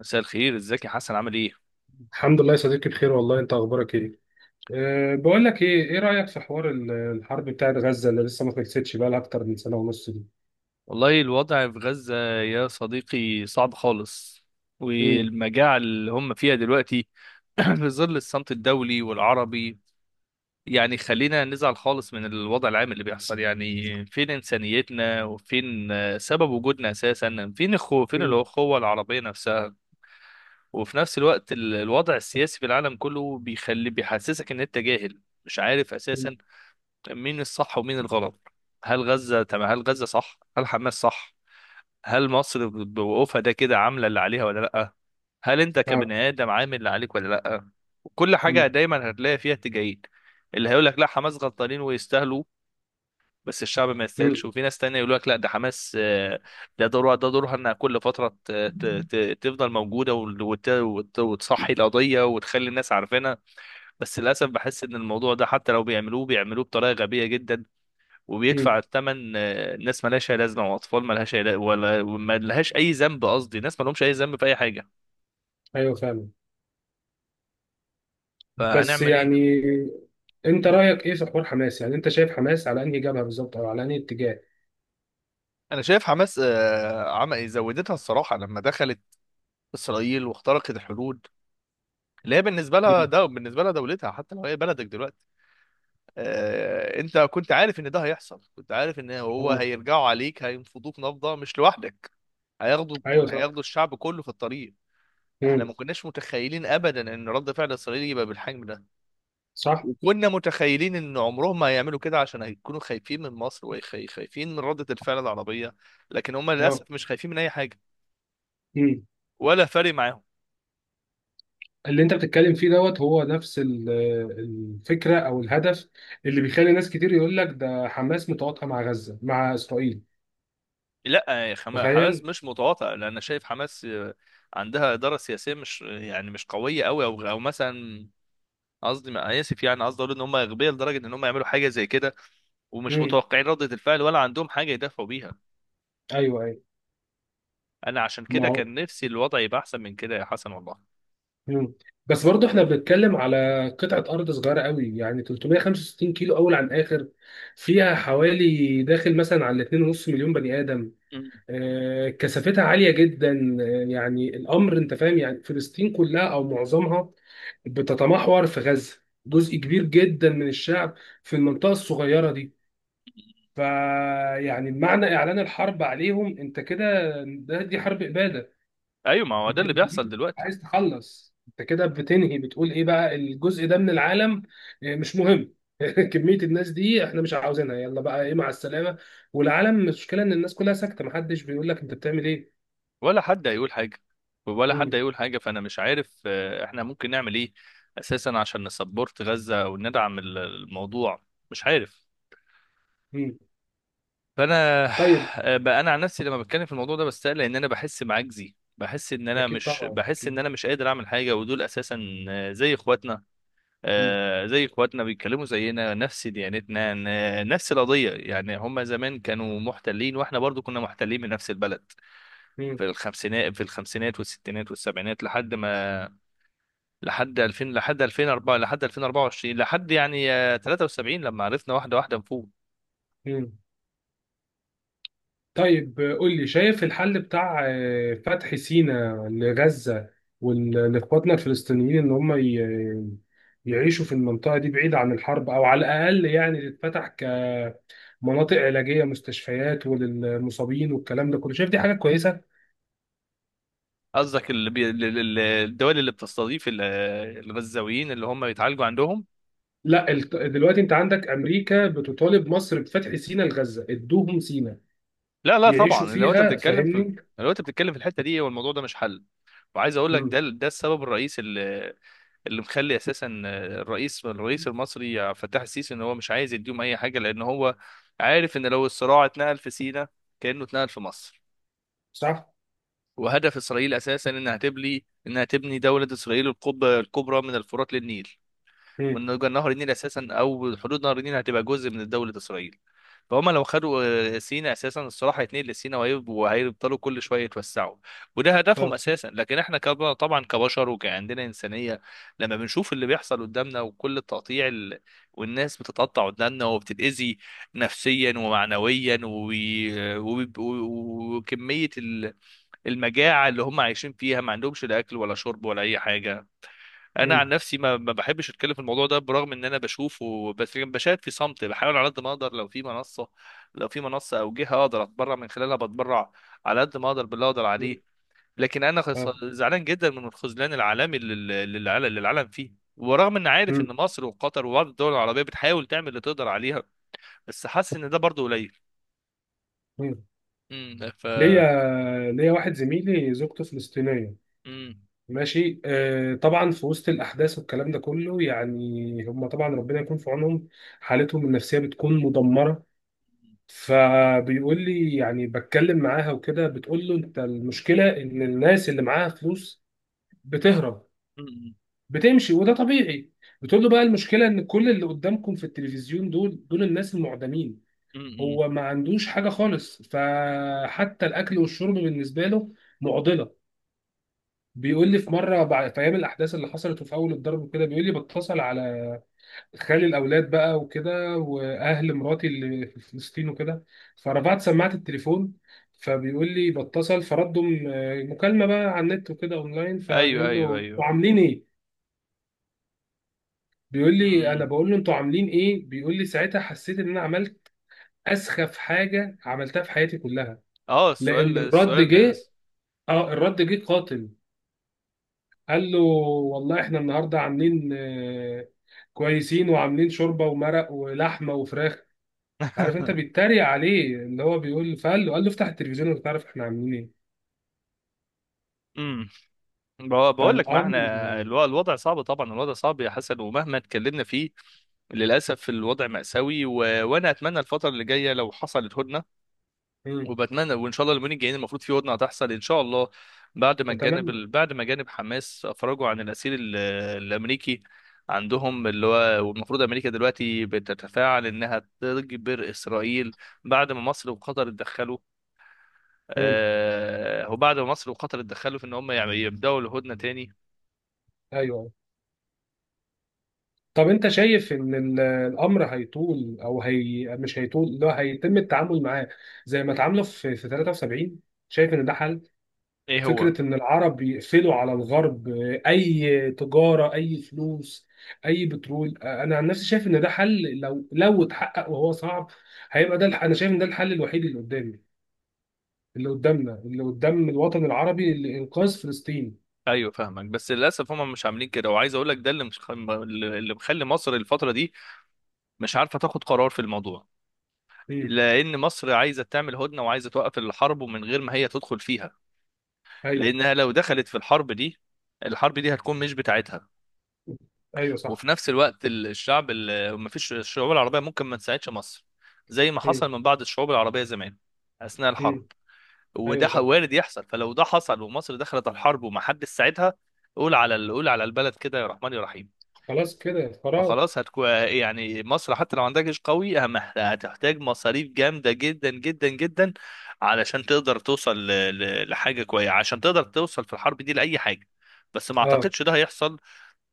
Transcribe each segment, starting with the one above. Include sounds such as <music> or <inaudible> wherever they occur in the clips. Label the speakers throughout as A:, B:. A: مساء الخير، ازيك يا حسن؟ عامل ايه؟
B: الحمد لله يا صديقي، بخير والله. انت اخبارك ايه؟ بقول لك ايه رايك في حوار الحرب بتاعت غزه اللي لسه ما خلصتش بقى لها اكتر من سنه ونص دي؟
A: والله الوضع في غزة يا صديقي صعب خالص،
B: امم.
A: والمجاعة اللي هم فيها دلوقتي <clears throat> في ظل الصمت الدولي والعربي. يعني خلينا نزعل خالص من الوضع العام اللي بيحصل. يعني فين إنسانيتنا، وفين سبب وجودنا أساسا؟ فين
B: امم.
A: الأخوة العربية نفسها؟ وفي نفس الوقت الوضع السياسي في العالم كله بيخلي بيحسسك إن أنت جاهل، مش عارف
B: امم.
A: أساسا مين الصح ومين الغلط. هل غزة تمام؟ هل غزة صح؟ هل حماس صح؟ هل مصر بوقوفها ده كده عاملة اللي عليها ولا لأ؟ هل أنت
B: اه.
A: كبني آدم عامل اللي عليك ولا لأ؟ كل حاجة
B: امم.
A: دايما هتلاقي فيها اتجاهين. اللي هيقول لك لا، حماس غلطانين ويستاهلوا، بس الشعب ما
B: امم.
A: يستاهلش. وفي ناس تانية يقول لك لا، ده حماس، ده دورها انها كل فترة تفضل موجودة، وتصحي القضية وتخلي الناس عارفينها. بس للأسف بحس إن الموضوع ده حتى لو بيعملوه، بطريقة غبية جدا، وبيدفع
B: امم.
A: الثمن ناس مالهاش أي لازمة، وأطفال مالهاش أي ولا ما لهاش أي ذنب. قصدي ناس مالهمش أي ذنب في أي حاجة.
B: ايوه فعلا. بس
A: فهنعمل إيه؟
B: يعني انت
A: مم.
B: رايك ايه في حوار حماس؟ يعني انت شايف حماس على انهي جبهه بالظبط او على انهي اتجاه؟
A: انا شايف حماس عمل زودتها الصراحه لما دخلت اسرائيل واخترقت الحدود اللي هي بالنسبه لها،
B: امم.
A: دولتها، حتى لو هي بلدك دلوقتي. انت كنت عارف ان ده هيحصل، كنت عارف ان هو
B: اه.
A: هيرجعوا عليك، هينفضوك نفضه، مش لوحدك.
B: ايوه صح.
A: هياخدوا الشعب كله في الطريق. احنا
B: امم.
A: ما كناش متخيلين ابدا ان رد فعل اسرائيل يبقى بالحجم ده،
B: صح.
A: وكنا متخيلين ان عمرهم ما هيعملوا كده، عشان هيكونوا خايفين من مصر وخايفين من ردة الفعل العربية. لكن هم
B: اه.
A: للاسف مش خايفين من اي حاجة، ولا فارق معاهم.
B: اللي انت بتتكلم فيه دوت هو نفس الفكره او الهدف اللي بيخلي ناس كتير يقول لك ده حماس متواطئه مع غزه مع اسرائيل.
A: لا يا حماس
B: تخيل.
A: مش متواطئة، لان شايف حماس عندها إدارة سياسية، مش يعني مش قوية قوي، او مثلا، قصدي ما آه، اسف، يعني قصدي اقول ان هم اغبياء لدرجة ان هم يعملوا حاجة زي كده، ومش
B: امم.
A: متوقعين ردة الفعل، ولا عندهم حاجة يدافعوا بيها.
B: ايوه، ايوه.
A: انا عشان
B: ما
A: كده
B: هو.
A: كان نفسي الوضع يبقى احسن من كده يا حسن والله.
B: مم. بس برضه احنا بنتكلم على قطعه ارض صغيره قوي، يعني 365 كيلو اول عن اخر، فيها حوالي داخل مثلا على 2.5 مليون بني ادم.
A: <laughs>
B: كثافتها عالية جدا. يعني الأمر أنت فاهم. يعني فلسطين كلها أو معظمها بتتمحور في غزة، جزء كبير جدا من الشعب في المنطقة الصغيرة دي. فيعني معنى إعلان الحرب عليهم أنت كده، دي حرب إبادة.
A: ايوه، ما هو ده
B: أنت
A: اللي بيحصل
B: بتبيد،
A: دلوقتي.
B: عايز تخلص، أنت كده بتنهي، بتقول إيه بقى الجزء ده من العالم مش مهم. <laughs> كمية الناس دي احنا مش عاوزينها، يلا بقى ايه، مع السلامة. والعالم، المشكلة ان الناس كلها ساكتة، محدش بيقول لك انت بتعمل ايه.
A: ولا حد هيقول حاجة،
B: مم.
A: فأنا مش عارف إحنا ممكن نعمل إيه أساسا عشان نسبورت غزة أو ندعم الموضوع. مش عارف.
B: مم.
A: فأنا
B: طيب.
A: آه، بقى أنا عن نفسي لما بتكلم في الموضوع ده بستقل إن أنا بحس بعجزي، بحس إن أنا
B: اكيد طبعا اكيد.
A: مش قادر أعمل حاجة، ودول أساسا
B: مم.
A: زي إخواتنا، بيتكلموا زينا، نفس ديانتنا، نفس القضية. يعني هما زمان كانوا محتلين، وإحنا برضو كنا محتلين من نفس البلد في
B: مم.
A: الخمسينات، والستينات والسبعينات، لحد ما لحد 2000، لحد 2004، لحد 2024، لحد يعني 73، لما عرفنا واحده واحده نفوق.
B: مم. طيب، قول لي، شايف الحل بتاع فتح سيناء لغزة وال- لاخواتنا الفلسطينيين ان هم يعيشوا في المنطقة دي بعيد عن الحرب، او على الاقل يعني تتفتح كمناطق علاجية، مستشفيات وللمصابين والكلام ده كله؟ شايف دي حاجة كويسة؟
A: قصدك اللي الدول اللي بتستضيف الغزاويين اللي هم بيتعالجوا عندهم؟
B: لا، دلوقتي انت عندك امريكا بتطالب مصر بفتح سيناء لغزة. ادوهم سيناء
A: لا لا
B: يعيشوا
A: طبعا، لو انت
B: فيها،
A: بتتكلم في،
B: فاهمني؟
A: الحته دي، والموضوع ده مش حل. وعايز اقول لك
B: مم.
A: ده السبب الرئيسي اللي مخلي اساسا الرئيس المصري فتح السيسي ان هو مش عايز يديهم اي حاجه، لان هو عارف ان لو الصراع اتنقل في سيناء كانه اتنقل في مصر.
B: صح.
A: وهدف اسرائيل اساسا انها تبني، دوله اسرائيل، القبه الكبرى من الفرات للنيل،
B: مم.
A: من نهر النيل. اساسا او حدود نهر النيل هتبقى جزء من دوله اسرائيل. فهم لو خدوا سيناء اساسا الصراحه، هيتنقل لسيناء، وهيفضلوا كل شويه يتوسعوا. وده هدفهم
B: اه.
A: اساسا. لكن احنا طبعا كبشر وكعندنا انسانيه، لما بنشوف اللي بيحصل قدامنا، وكل التقطيع والناس بتتقطع قدامنا وبتتاذي نفسيا ومعنويا، وكميه المجاعه اللي هم عايشين فيها، ما عندهمش لا اكل ولا شرب ولا اي حاجه. انا
B: مم.
A: عن نفسي ما بحبش اتكلم في الموضوع ده، برغم ان انا بشوفه، بس لكن بشاهد في صمت. بحاول على قد ما اقدر، لو في منصه، او جهه اقدر اتبرع من خلالها، بتبرع على قد ما اقدر، باللي اقدر
B: مم.
A: عليه. لكن انا
B: اه.
A: زعلان جدا من الخذلان العالمي اللي العالم فيه، ورغم ان عارف
B: مم.
A: ان مصر وقطر وبعض الدول العربيه بتحاول تعمل اللي تقدر عليها، بس حاسس ان ده برضه قليل.
B: مم.
A: ف
B: ليا ليا واحد زميلي زوجته فلسطينية.
A: امم.
B: ماشي، طبعا في وسط الأحداث والكلام ده كله، يعني هم طبعا ربنا يكون في عونهم. حالتهم النفسية بتكون مدمرة. فبيقول لي يعني بتكلم معاها وكده، بتقول له انت المشكلة ان الناس اللي معاها فلوس بتهرب،
A: امم.
B: بتمشي، وده طبيعي. بتقول له بقى المشكلة ان كل اللي قدامكم في التلفزيون، دول الناس المعدمين.
A: امم.
B: هو ما عندوش حاجة خالص، فحتى الأكل والشرب بالنسبة له معضلة. بيقول لي في مرة، بعد في أيام الأحداث اللي حصلت وفي أول الضرب وكده، بيقول لي بتصل على خالي الأولاد بقى وكده وأهل مراتي اللي في فلسطين وكده، فرفعت سماعة التليفون. فبيقول لي بتصل فردوا مكالمة بقى على النت وكده أونلاين،
A: ايوه،
B: فبيقول له
A: ايوه،
B: أنتوا
A: ايوه.
B: عاملين إيه؟ بيقول لي أنا
A: امم.
B: بقول له أنتوا عاملين إيه؟ بيقول لي ساعتها حسيت إن أنا عملت أسخف حاجة عملتها في حياتي كلها،
A: اه،
B: لان الرد
A: السؤال.
B: جه. اه، الرد جه قاتل. قال له والله احنا النهارده عاملين كويسين، وعاملين شوربه ومرق ولحمه وفراخ. عارف انت
A: <laughs>
B: بيتريق عليه، اللي هو بيقول، فقال له، قال له افتح التلفزيون وانت تعرف احنا عاملين ايه.
A: امم. بقول لك، ما
B: فالامر.
A: احنا الوضع صعب، طبعا الوضع صعب يا حسن، ومهما اتكلمنا فيه، للاسف الوضع مأساوي. وانا اتمنى الفتره اللي جايه لو حصلت هدنه،
B: مم.
A: وبتمنى، وان شاء الله اليومين الجايين المفروض في هدنه هتحصل ان شاء الله، بعد ما
B: متمم.
A: جانب حماس افرجوا عن الاسير الامريكي عندهم، اللي هو، والمفروض امريكا دلوقتي بتتفاعل انها تجبر اسرائيل بعد ما مصر وقطر اتدخلوا.
B: مم.
A: في ان هم يعني يبداوا الهدنه تاني.
B: ايوه. طب انت شايف ان الامر هيطول او هي مش هيطول، اللي هو هيتم التعامل معاه زي ما اتعاملوا في 73؟ شايف ان ده حل،
A: ايه هو؟
B: فكرة إن العرب يقفلوا على الغرب أي تجارة، أي فلوس، أي بترول؟ أنا عن نفسي شايف إن ده حل لو اتحقق، وهو صعب. هيبقى ده أنا شايف إن ده الحل الوحيد اللي قدامي، اللي قدامنا، اللي قدام الوطن العربي لإنقاذ فلسطين.
A: ايوه، فاهمك، بس للاسف هم مش عاملين كده. وعايز اقول لك ده اللي مش اللي مخلي مصر الفتره دي مش عارفه تاخد قرار في الموضوع،
B: مم.
A: لان مصر عايزه تعمل هدنه، وعايزه توقف الحرب، ومن غير ما هي تدخل فيها،
B: أيوه.
A: لانها لو دخلت في الحرب دي، الحرب دي هتكون مش بتاعتها.
B: أيوه
A: وفي
B: صح.
A: نفس الوقت الشعب، ما فيش الشعوب العربيه ممكن ما تساعدش مصر، زي ما
B: مم.
A: حصل من بعض الشعوب العربيه زمان اثناء الحرب.
B: مم.
A: وده
B: أيوه صح.
A: وارد يحصل، فلو ده حصل ومصر دخلت الحرب ومحدش ساعدها، قول على البلد كده، يا رحمن يا رحيم.
B: خلاص كده قرار.
A: فخلاص هتكون يعني مصر حتى لو عندها جيش قوي، هتحتاج مصاريف جامدة جدا جدا جدا، علشان تقدر توصل لحاجة كويسة، عشان تقدر توصل في الحرب دي لأي حاجة. بس ما
B: أه.
A: اعتقدش ده هيحصل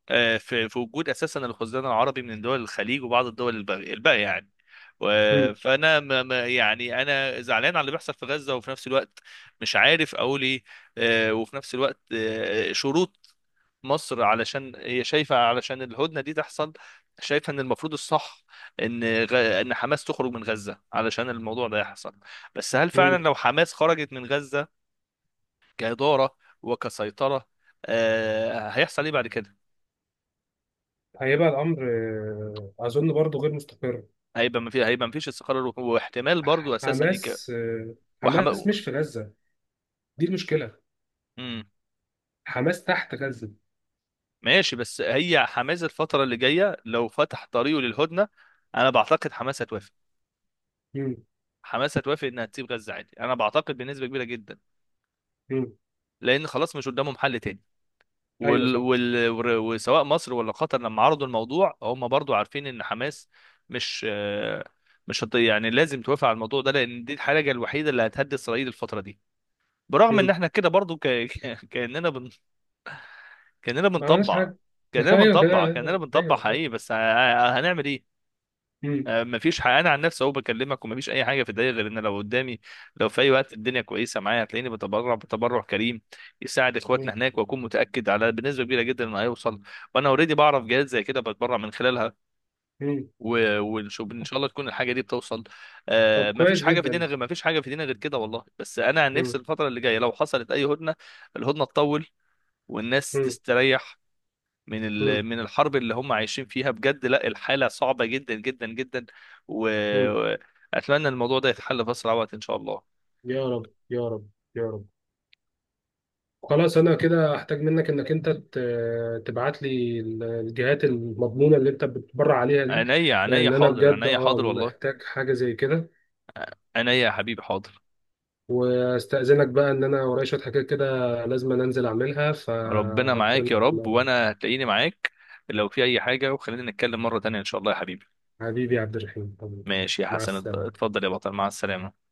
A: في وجود اساسا الخزان العربي من دول الخليج، وبعض الدول الباقية يعني.
B: مم.
A: فانا يعني انا زعلان على اللي بيحصل في غزة، وفي نفس الوقت مش عارف اقول ايه. وفي نفس الوقت، شروط مصر، علشان هي شايفة، علشان الهدنة دي تحصل، شايفة ان المفروض الصح ان ان حماس تخرج من غزة علشان الموضوع ده يحصل. بس هل
B: مم.
A: فعلا لو حماس خرجت من غزة كإدارة وكسيطرة هيحصل ايه بعد كده؟
B: هيبقى الأمر، أظن برضه غير مستقر.
A: هيبقى ما فيش استقرار، واحتمال برضو اساسا
B: حماس. حماس
A: وحما...
B: مش في غزة، دي المشكلة.
A: مم.
B: حماس تحت غزة.
A: ماشي، بس هي حماس الفترة اللي جاية لو فتح طريقه للهدنة، انا بعتقد حماس هتوافق.
B: مم.
A: حماس هتوافق انها تسيب غزة عادي، انا بعتقد بنسبة كبيرة جدا،
B: مم.
A: لان خلاص مش قدامهم حل تاني.
B: ايوه صح.
A: وسواء مصر ولا قطر لما عرضوا الموضوع، هم برضو عارفين ان حماس مش يعني لازم توافق على الموضوع ده، لان دي الحاجه الوحيده اللي هتهدي اسرائيل الفتره دي. برغم ان
B: مم.
A: احنا كده برضو <laughs> كاننا
B: ما عملناش
A: بنطبع،
B: حاجة. <laughs> ايوه كده
A: كاننا
B: ايوه.
A: بنطبع
B: أيوة.
A: حقيقي، بس هنعمل ايه؟
B: مم.
A: مفيش حق. انا عن نفسي اهو بكلمك، ومفيش اي حاجه في الدنيا غير ان لو قدامي، لو في اي وقت الدنيا كويسه معايا، هتلاقيني بتبرع، كريم، يساعد
B: مم.
A: اخواتنا هناك، واكون متاكد على بنسبه كبيره جدا انه هيوصل. وانا اوريدي بعرف جهات زي كده بتبرع من خلالها.
B: مم.
A: ونشوف ان شاء الله تكون الحاجه دي بتوصل.
B: طب
A: مفيش
B: كويس
A: حاجه في
B: جدا.
A: الدنيا غير، كده والله. بس انا عن
B: مم.
A: نفسي الفتره اللي جايه لو حصلت اي هدنه، الهدنه تطول، والناس
B: مم.
A: تستريح من
B: مم.
A: من الحرب اللي هم عايشين فيها بجد. لا، الحالة صعبة جدا جدا جدا.
B: مم.
A: وأتمنى الموضوع ده يتحل في أسرع وقت إن شاء الله.
B: يا رب، يا رب. يا رب. خلاص، انا كده احتاج منك انك انت تبعت لي الجهات المضمونة اللي انت بتبرع عليها دي،
A: عينيا، عينيا
B: لان انا
A: حاضر،
B: بجد
A: والله.
B: محتاج حاجة زي كده.
A: عينيا يا حبيبي، حاضر.
B: واستأذنك بقى ان انا ورايا شوية حاجات كده، لازم أنا انزل اعملها ف...
A: ربنا معاك يا رب، وأنا هتلاقيني معاك لو في أي حاجة. وخلينا نتكلم مرة تانية إن شاء الله يا حبيبي.
B: حبيبي عبد الرحيم، حبيبي.
A: ماشي يا
B: مع
A: حسن،
B: السلامة.
A: اتفضل يا بطل، مع السلامة.